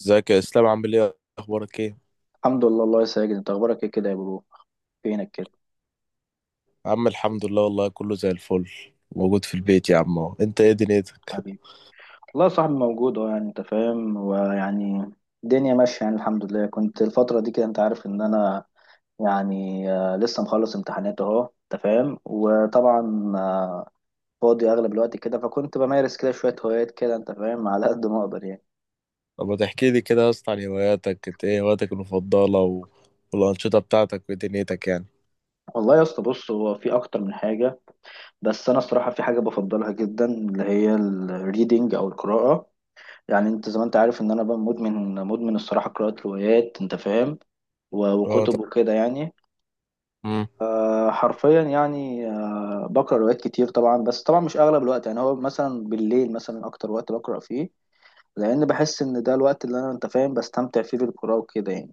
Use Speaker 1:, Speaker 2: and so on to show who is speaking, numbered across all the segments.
Speaker 1: ازيك يا اسلام، عامل ايه، اخبارك ايه
Speaker 2: الحمد لله. الله يا ساجد، انت اخبارك ايه كده يا برو؟ فينك كده؟
Speaker 1: يا عم؟ الحمد لله والله، كله زي الفل. موجود في البيت يا عم اهو. انت ايه دنيتك؟
Speaker 2: حبيبي. والله يا صاحبي موجود، يعني انت فاهم، ويعني الدنيا ماشيه، يعني الحمد لله. كنت الفتره دي كده، انت عارف ان انا يعني لسه مخلص امتحانات اهو، انت فاهم. وطبعا فاضي اغلب الوقت كده، فكنت بمارس كده شويه هوايات كده، انت فاهم، على قد ما اقدر يعني.
Speaker 1: طب ما تحكي لي كده يا اسطى عن هواياتك. انت ايه هواياتك المفضله والانشطه بتاعتك ودنيتك يعني.
Speaker 2: والله يا اسطى، بص، هو في اكتر من حاجه، بس انا الصراحه في حاجه بفضلها جدا اللي هي الريدنج او القراءه. يعني انت زي ما انت عارف ان انا بقى مدمن، مدمن الصراحه قراءه روايات، انت فاهم،
Speaker 1: اه،
Speaker 2: وكتب
Speaker 1: طب.
Speaker 2: وكده يعني.
Speaker 1: مم.
Speaker 2: حرفيا يعني. بقرا روايات كتير طبعا، بس طبعا مش اغلب الوقت، يعني هو مثلا بالليل مثلا اكتر وقت بقرا فيه، لان بحس ان ده الوقت اللي انا، انت فاهم، بستمتع فيه بالقراءه وكده يعني.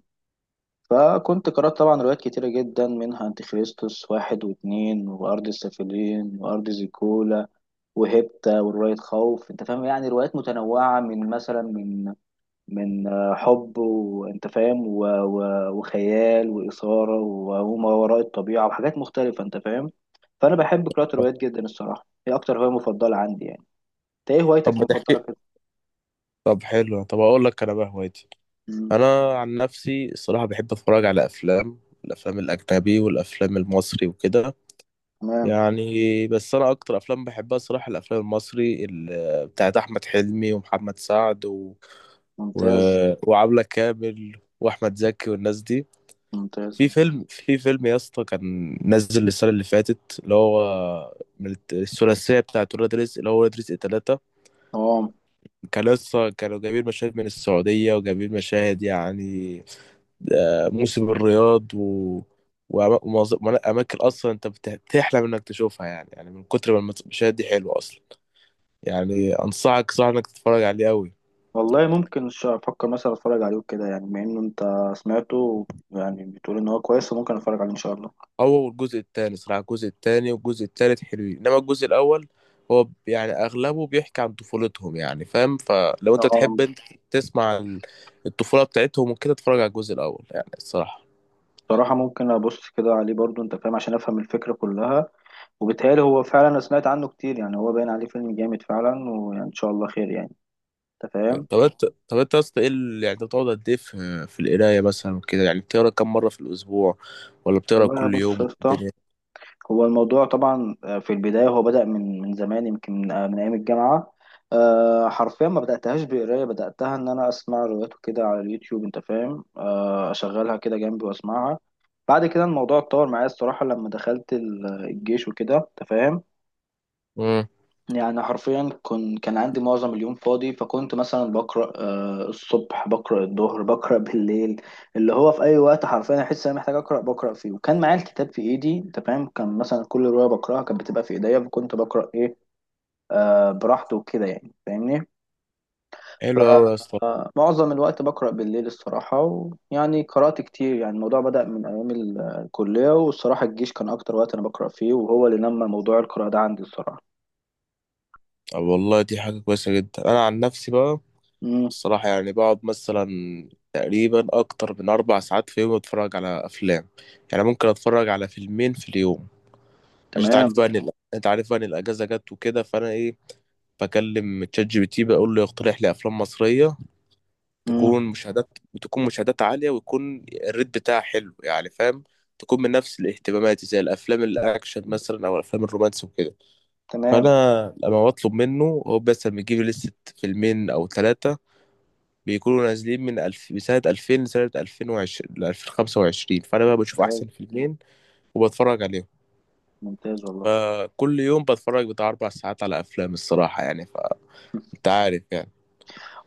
Speaker 2: فكنت قرأت طبعا روايات كتيرة جدا، منها أنتيخريستوس واحد واتنين، وأرض السافلين، وأرض زيكولا، وهيبتا، ورواية خوف. أنت فاهم يعني روايات متنوعة، من مثلا من حب، وانت فاهم، وخيال وإثارة وما وراء الطبيعة وحاجات مختلفة، انت فاهم. فأنا بحب قراءة الروايات جدا الصراحة، هي أكتر هواية مفضلة عندي يعني. انت ايه
Speaker 1: طب
Speaker 2: هوايتك
Speaker 1: ما
Speaker 2: المفضلة
Speaker 1: تحكي
Speaker 2: كده؟
Speaker 1: طب حلو، طب اقول لك انا بقى هوايتي.
Speaker 2: مم،
Speaker 1: انا عن نفسي الصراحه بحب اتفرج على افلام، الافلام الاجنبي والافلام المصري وكده
Speaker 2: تمام.
Speaker 1: يعني. بس انا اكتر افلام بحبها الصراحه الافلام المصري بتاعت احمد حلمي ومحمد سعد و...
Speaker 2: ممتاز.
Speaker 1: وعبلة كامل واحمد زكي والناس دي.
Speaker 2: ممتاز.
Speaker 1: في فيلم يا اسطى كان نزل السنه اللي فاتت، اللي هو من الثلاثيه بتاعت ولاد رزق، اللي هو ولاد رزق ثلاثة.
Speaker 2: اه.
Speaker 1: كان لسه كانوا جايبين مشاهد من السعوديه وجايبين مشاهد يعني، موسم الرياض اماكن اصلا انت بتحلم انك تشوفها، يعني يعني من كتر ما المشاهد دي حلوه اصلا. يعني انصحك صح انك تتفرج عليه قوي.
Speaker 2: والله ممكن أفكر مثلا أتفرج عليه كده يعني، بما إنه أنت سمعته يعني بتقول إن هو كويس، وممكن أتفرج عليه إن شاء الله.
Speaker 1: هو الجزء التاني صراحة، الجزء التاني والجزء التالت حلوين، انما الجزء الاول هو يعني اغلبه بيحكي عن طفولتهم يعني فاهم. فلو انت
Speaker 2: اه.
Speaker 1: تحب انت تسمع عن الطفولة بتاعتهم وكده اتفرج على الجزء الاول يعني الصراحة.
Speaker 2: بصراحة ممكن أبص كده عليه برضو، أنت فاهم، عشان أفهم الفكرة كلها. وبيتهيألي هو فعلا، أنا سمعت عنه كتير يعني، هو باين عليه فيلم جامد فعلا، وإن شاء الله خير يعني، أنت فاهم.
Speaker 1: طب انت يا اسطى ايه يعني انت بتقعد قد ايه في القراية مثلا كده؟ يعني بتقرا كم مرة في الاسبوع ولا بتقرا
Speaker 2: والله
Speaker 1: كل يوم
Speaker 2: بص يا
Speaker 1: ولا
Speaker 2: اسطى،
Speaker 1: الدنيا؟
Speaker 2: هو الموضوع طبعا في البداية هو بدأ من زمان، يمكن من أيام الجامعة. أه، حرفيا ما بدأتهاش بقراية، بدأتها إن أنا أسمع روايات كده على اليوتيوب، أنت فاهم، أه أشغلها كده جنبي وأسمعها. بعد كده الموضوع اتطور معايا الصراحة لما دخلت الجيش وكده، أنت فاهم.
Speaker 1: امم.
Speaker 2: يعني حرفيا كان عندي معظم اليوم فاضي، فكنت مثلا بقرأ الصبح، بقرأ الظهر، بقرأ بالليل. اللي هو في أي وقت حرفيا أحس إن أنا محتاج أقرأ بقرأ فيه. وكان معايا الكتاب في إيدي، أنت فاهم، كان مثلا كل رواية بقرأها كانت بتبقى في إيديا، فكنت بقرأ إيه، براحتي وكده يعني، فاهمني.
Speaker 1: حلو قوي يا اسطى.
Speaker 2: فمعظم الوقت بقرأ بالليل الصراحة. ويعني قرأت كتير يعني، الموضوع بدأ من أيام الكلية، والصراحة الجيش كان أكتر وقت أنا بقرأ فيه، وهو اللي نمى موضوع القراءة ده عندي الصراحة.
Speaker 1: طب والله دي حاجة كويسة جدا. انا عن نفسي بقى
Speaker 2: امم.
Speaker 1: الصراحة يعني بقعد مثلا تقريبا أكتر من أربع ساعات في يوم أتفرج على أفلام. يعني ممكن أتفرج على فيلمين في اليوم، عشان أنت
Speaker 2: تمام.
Speaker 1: عارف بقى إن أنت عارف بقى إن الأجازة جت وكده، فأنا إيه، بكلم تشات جي بي تي بقول له يقترح لي أفلام مصرية تكون مشاهدات عالية ويكون الريت بتاعها حلو يعني فاهم، تكون من نفس الاهتمامات زي الأفلام الأكشن مثلا أو الأفلام الرومانسي وكده. فأنا
Speaker 2: تمام.
Speaker 1: لما بطلب منه هو بس بيجيب لي لستة فيلمين أو ثلاثة بيكونوا نازلين من من سنة 2000 لسنة 2020 ل 2025. فأنا بقى بشوف
Speaker 2: ممتاز.
Speaker 1: أحسن فيلمين وبتفرج عليهم.
Speaker 2: ممتاز والله.
Speaker 1: فكل يوم بتفرج بتاع أربع ساعات على أفلام الصراحة، يعني فأنت عارف يعني.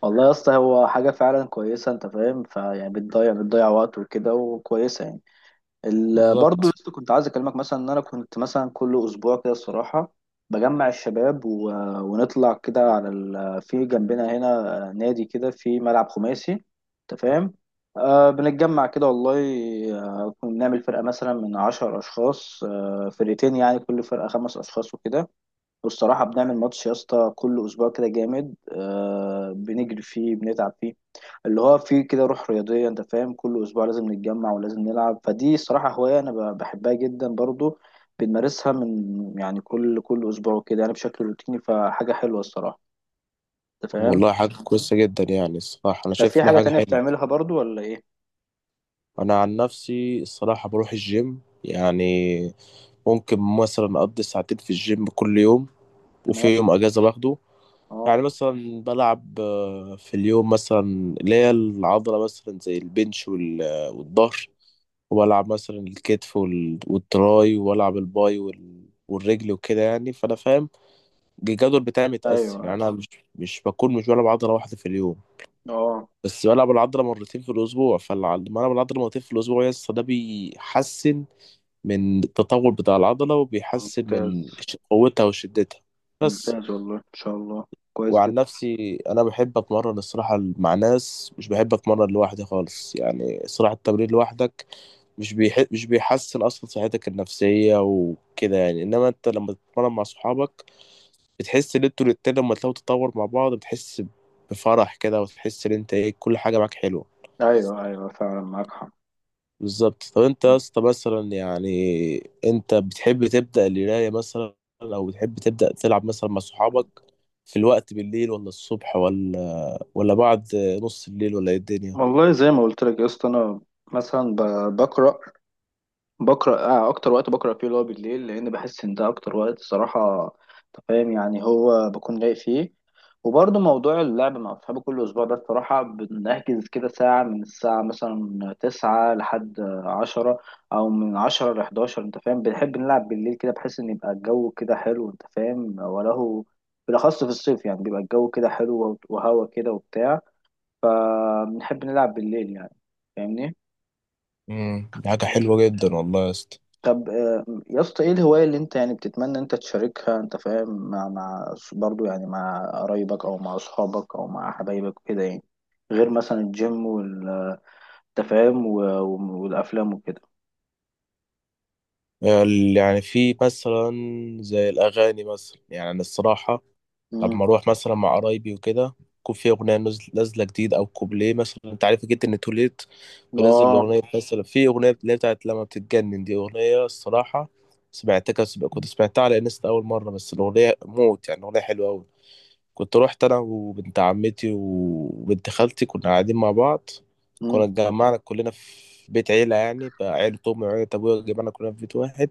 Speaker 2: والله يا اسطى، هو حاجة فعلا كويسة، انت فاهم، فيعني بتضيع وقت وكده، وكويسة يعني. برضه يا
Speaker 1: بالظبط.
Speaker 2: اسطى كنت عايز اكلمك مثلا ان انا كنت مثلا كل اسبوع كده الصراحة بجمع الشباب ونطلع كده على في جنبنا هنا نادي كده في ملعب خماسي، انت فاهم. بنتجمع كده، والله. بنعمل فرقة مثلا من 10 أشخاص، فرقتين يعني، كل فرقة 5 أشخاص وكده. والصراحة بنعمل ماتش يا اسطى كل أسبوع كده جامد، بنجري فيه بنتعب فيه، اللي هو فيه كده روح رياضية، أنت فاهم. كل أسبوع لازم نتجمع ولازم نلعب، فدي الصراحة هواية أنا بحبها جدا برضو، بنمارسها من يعني كل أسبوع كده يعني بشكل روتيني، فحاجة حلوة الصراحة، أنت فاهم.
Speaker 1: والله حاجة كويسة جدا يعني الصراحة، أنا
Speaker 2: طب في
Speaker 1: شايف إنها
Speaker 2: حاجة
Speaker 1: حاجة
Speaker 2: تانية
Speaker 1: حلوة.
Speaker 2: بتعملها برضو ولا إيه؟
Speaker 1: أنا عن نفسي الصراحة بروح الجيم، يعني ممكن مثلا أقضي ساعتين في الجيم كل يوم، وفي يوم
Speaker 2: تمام.
Speaker 1: أجازة باخده.
Speaker 2: أه.
Speaker 1: يعني مثلا بلعب في اليوم مثلا اللي هي العضلة مثلا زي البنش والظهر، وبلعب مثلا الكتف والتراي، وبلعب الباي والرجل وكده، يعني فأنا فاهم الجدول بتاعي
Speaker 2: أيوه
Speaker 1: متقسم.
Speaker 2: أيوه.
Speaker 1: يعني أنا مش بلعب عضلة واحدة في اليوم،
Speaker 2: أه.
Speaker 1: بس بلعب العضلة مرتين في الأسبوع. فلما ألعب العضلة مرتين في الأسبوع يس ده بيحسن من التطور بتاع العضلة وبيحسن
Speaker 2: ممتاز.
Speaker 1: من قوتها وشدتها بس.
Speaker 2: ممتاز والله. إن شاء الله. كويس
Speaker 1: وعن
Speaker 2: جدا.
Speaker 1: نفسي انا بحب اتمرن الصراحه مع ناس، مش بحب اتمرن لوحدي خالص يعني. الصراحه التمرين لوحدك مش بيحسن اصلا صحتك النفسيه وكده يعني، انما انت لما تتمرن مع صحابك بتحس ان انتوا الاتنين لما تلاقوا تتطور مع بعض، بتحس بفرح كده وتحس ان انت ايه كل حاجه معاك حلوه.
Speaker 2: أيوه أيوه، فعلا معاك حق.
Speaker 1: بالظبط. طب انت يا اسطى مثلا يعني، انت بتحب تبدا القرايه مثلا او بتحب تبدا تلعب مثلا مع صحابك في الوقت بالليل ولا الصبح ولا بعد نص الليل ولا ايه الدنيا؟
Speaker 2: والله زي ما قلت لك يا اسطى، انا مثلا بقرا اكتر وقت بقرا فيه اللي هو بالليل، لان بحس ان ده اكتر وقت صراحه، أنت فاهم، يعني هو بكون لايق فيه. وبرضه موضوع اللعب مع اصحابي كل اسبوع ده الصراحه، بنحجز كده ساعه، من الساعه مثلا 9 لحد 10، او من 10 لـ11، انت فاهم، بنحب نلعب بالليل كده بحيث ان يبقى الجو كده حلو، انت فاهم، وله بالاخص في الصيف، يعني بيبقى الجو كده حلو وهوا كده وبتاع، فبنحب نلعب بالليل يعني، فاهمني.
Speaker 1: امم، دي حاجة حلوة جدا والله يا اسطى.
Speaker 2: طب يا اسطى ايه الهواية اللي انت يعني بتتمنى انت تشاركها، انت فاهم، مع برضو يعني مع قرايبك او مع اصحابك او مع حبايبك وكده يعني، غير مثلا الجيم والتفاهم والافلام وكده.
Speaker 1: يعني في مثلا زي الأغاني مثلا، يعني أنا الصراحة
Speaker 2: امم.
Speaker 1: لما أروح مثلا مع قرايبي وكده يكون في أغنية نازلة جديد أو كوبليه. مثلا أنت عارف جدا إن توليت بينزل
Speaker 2: اه.
Speaker 1: الأغنية، مثلا في أغنية اللي هي بتاعت لما بتتجنن، دي أغنية الصراحة سمعتها، كنت سمعتها على انستا أول مرة، بس الأغنية موت يعني، أغنية حلوة أوي. كنت روحت انا وبنت عمتي وبنت خالتي، كنا قاعدين مع بعض، كنا
Speaker 2: امم.
Speaker 1: اتجمعنا كلنا في بيت عيلة، يعني بقى عيلة أمي وعيلة أبويا اتجمعنا كلنا في بيت واحد.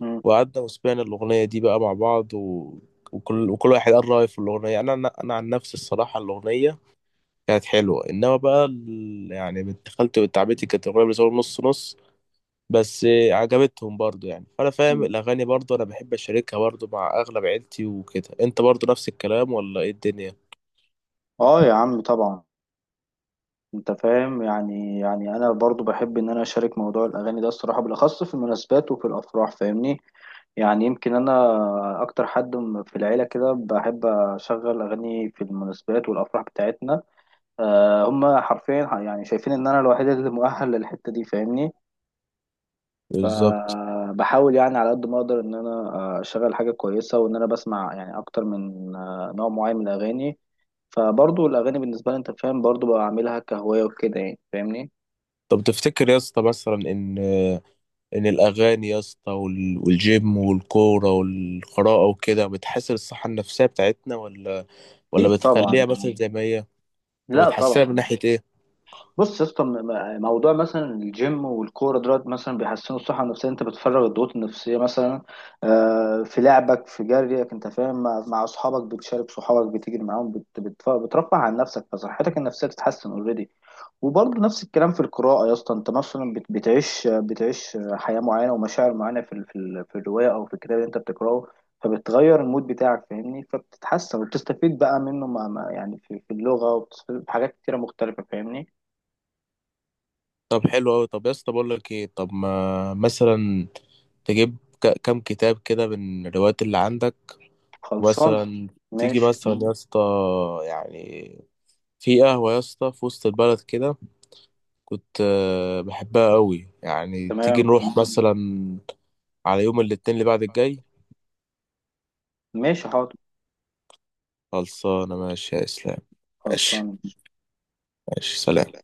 Speaker 2: امم.
Speaker 1: وقعدنا وسمعنا الأغنية دي بقى مع بعض، وكل وكل واحد قال رأيه في الأغنية. أنا عن نفسي الصراحة الأغنية كانت حلوة، إنما بقى يعني بنت خالتي وبنت عمتي كانت الأغنية بالنسبة لهم نص نص، بس عجبتهم برضو يعني فأنا فاهم. الأغاني برضو أنا بحب أشاركها برضو مع أغلب عيلتي وكده. أنت برضو نفس الكلام ولا إيه الدنيا؟
Speaker 2: اه يا عم طبعا، انت فاهم يعني، انا برضو بحب ان انا اشارك موضوع الاغاني ده الصراحه، بالاخص في المناسبات وفي الافراح، فاهمني. يعني يمكن انا اكتر حد في العيله كده بحب اشغل اغاني في المناسبات والافراح بتاعتنا. أه، هم حرفيا يعني شايفين ان انا الوحيد اللي مؤهل للحته دي، فاهمني.
Speaker 1: بالظبط.
Speaker 2: فبحاول يعني على قد ما اقدر ان انا اشغل حاجه كويسه، وان انا بسمع يعني اكتر من نوع معين من الاغاني. فبرضو الاغاني بالنسبه لي، انت فاهم، برضو بعملها كهوايه وكده يعني، فاهمني.
Speaker 1: طب تفتكر يا اسطى مثلا ان الاغاني يا اسطى والجيم والكوره والقراءه وكده بتحسن الصحه النفسيه بتاعتنا ولا
Speaker 2: اكيد طبعا.
Speaker 1: بتخليها مثلا زي ما هي؟ طب
Speaker 2: لا
Speaker 1: بتحسنها من
Speaker 2: طبعا.
Speaker 1: ناحيه ايه؟
Speaker 2: بص يا اسطى، موضوع مثلا الجيم والكوره دلوقتي مثلا بيحسنوا الصحه النفسيه. انت بتفرغ الضغوط النفسيه مثلا في لعبك في جريك، انت فاهم، مع اصحابك، بتشارك صحابك بتجري معاهم، بترفه عن نفسك، فصحتك النفسيه بتتحسن اوريدي. وبرضه نفس الكلام في القراءة يا اسطى، انت مثلا بتعيش حياة معينة ومشاعر معينة في الرواية او في الكتاب اللي انت بتقراه، فبتغير المود بتاعك، فاهمني. فبتتحسن وبتستفيد بقى منه، يعني في اللغة، وبتستفيد في حاجات كتيرة مختلفة، فاهمني.
Speaker 1: طب حلو قوي. طب يا اسطى بقول لك ايه، طب ما مثلا تجيب كام كتاب كده من الروايات اللي عندك،
Speaker 2: خلصان.
Speaker 1: ومثلا تيجي
Speaker 2: ماشي.
Speaker 1: مثلا يا اسطى يعني في قهوة يا اسطى في وسط البلد كده كنت بحبها قوي. يعني تيجي
Speaker 2: تمام.
Speaker 1: نروح مثلا على يوم الاثنين اللي بعد الجاي.
Speaker 2: ماشي حاضر.
Speaker 1: خلصانة، ماشي يا اسلام. ماشي،
Speaker 2: خلصان.
Speaker 1: ماشي، سلام.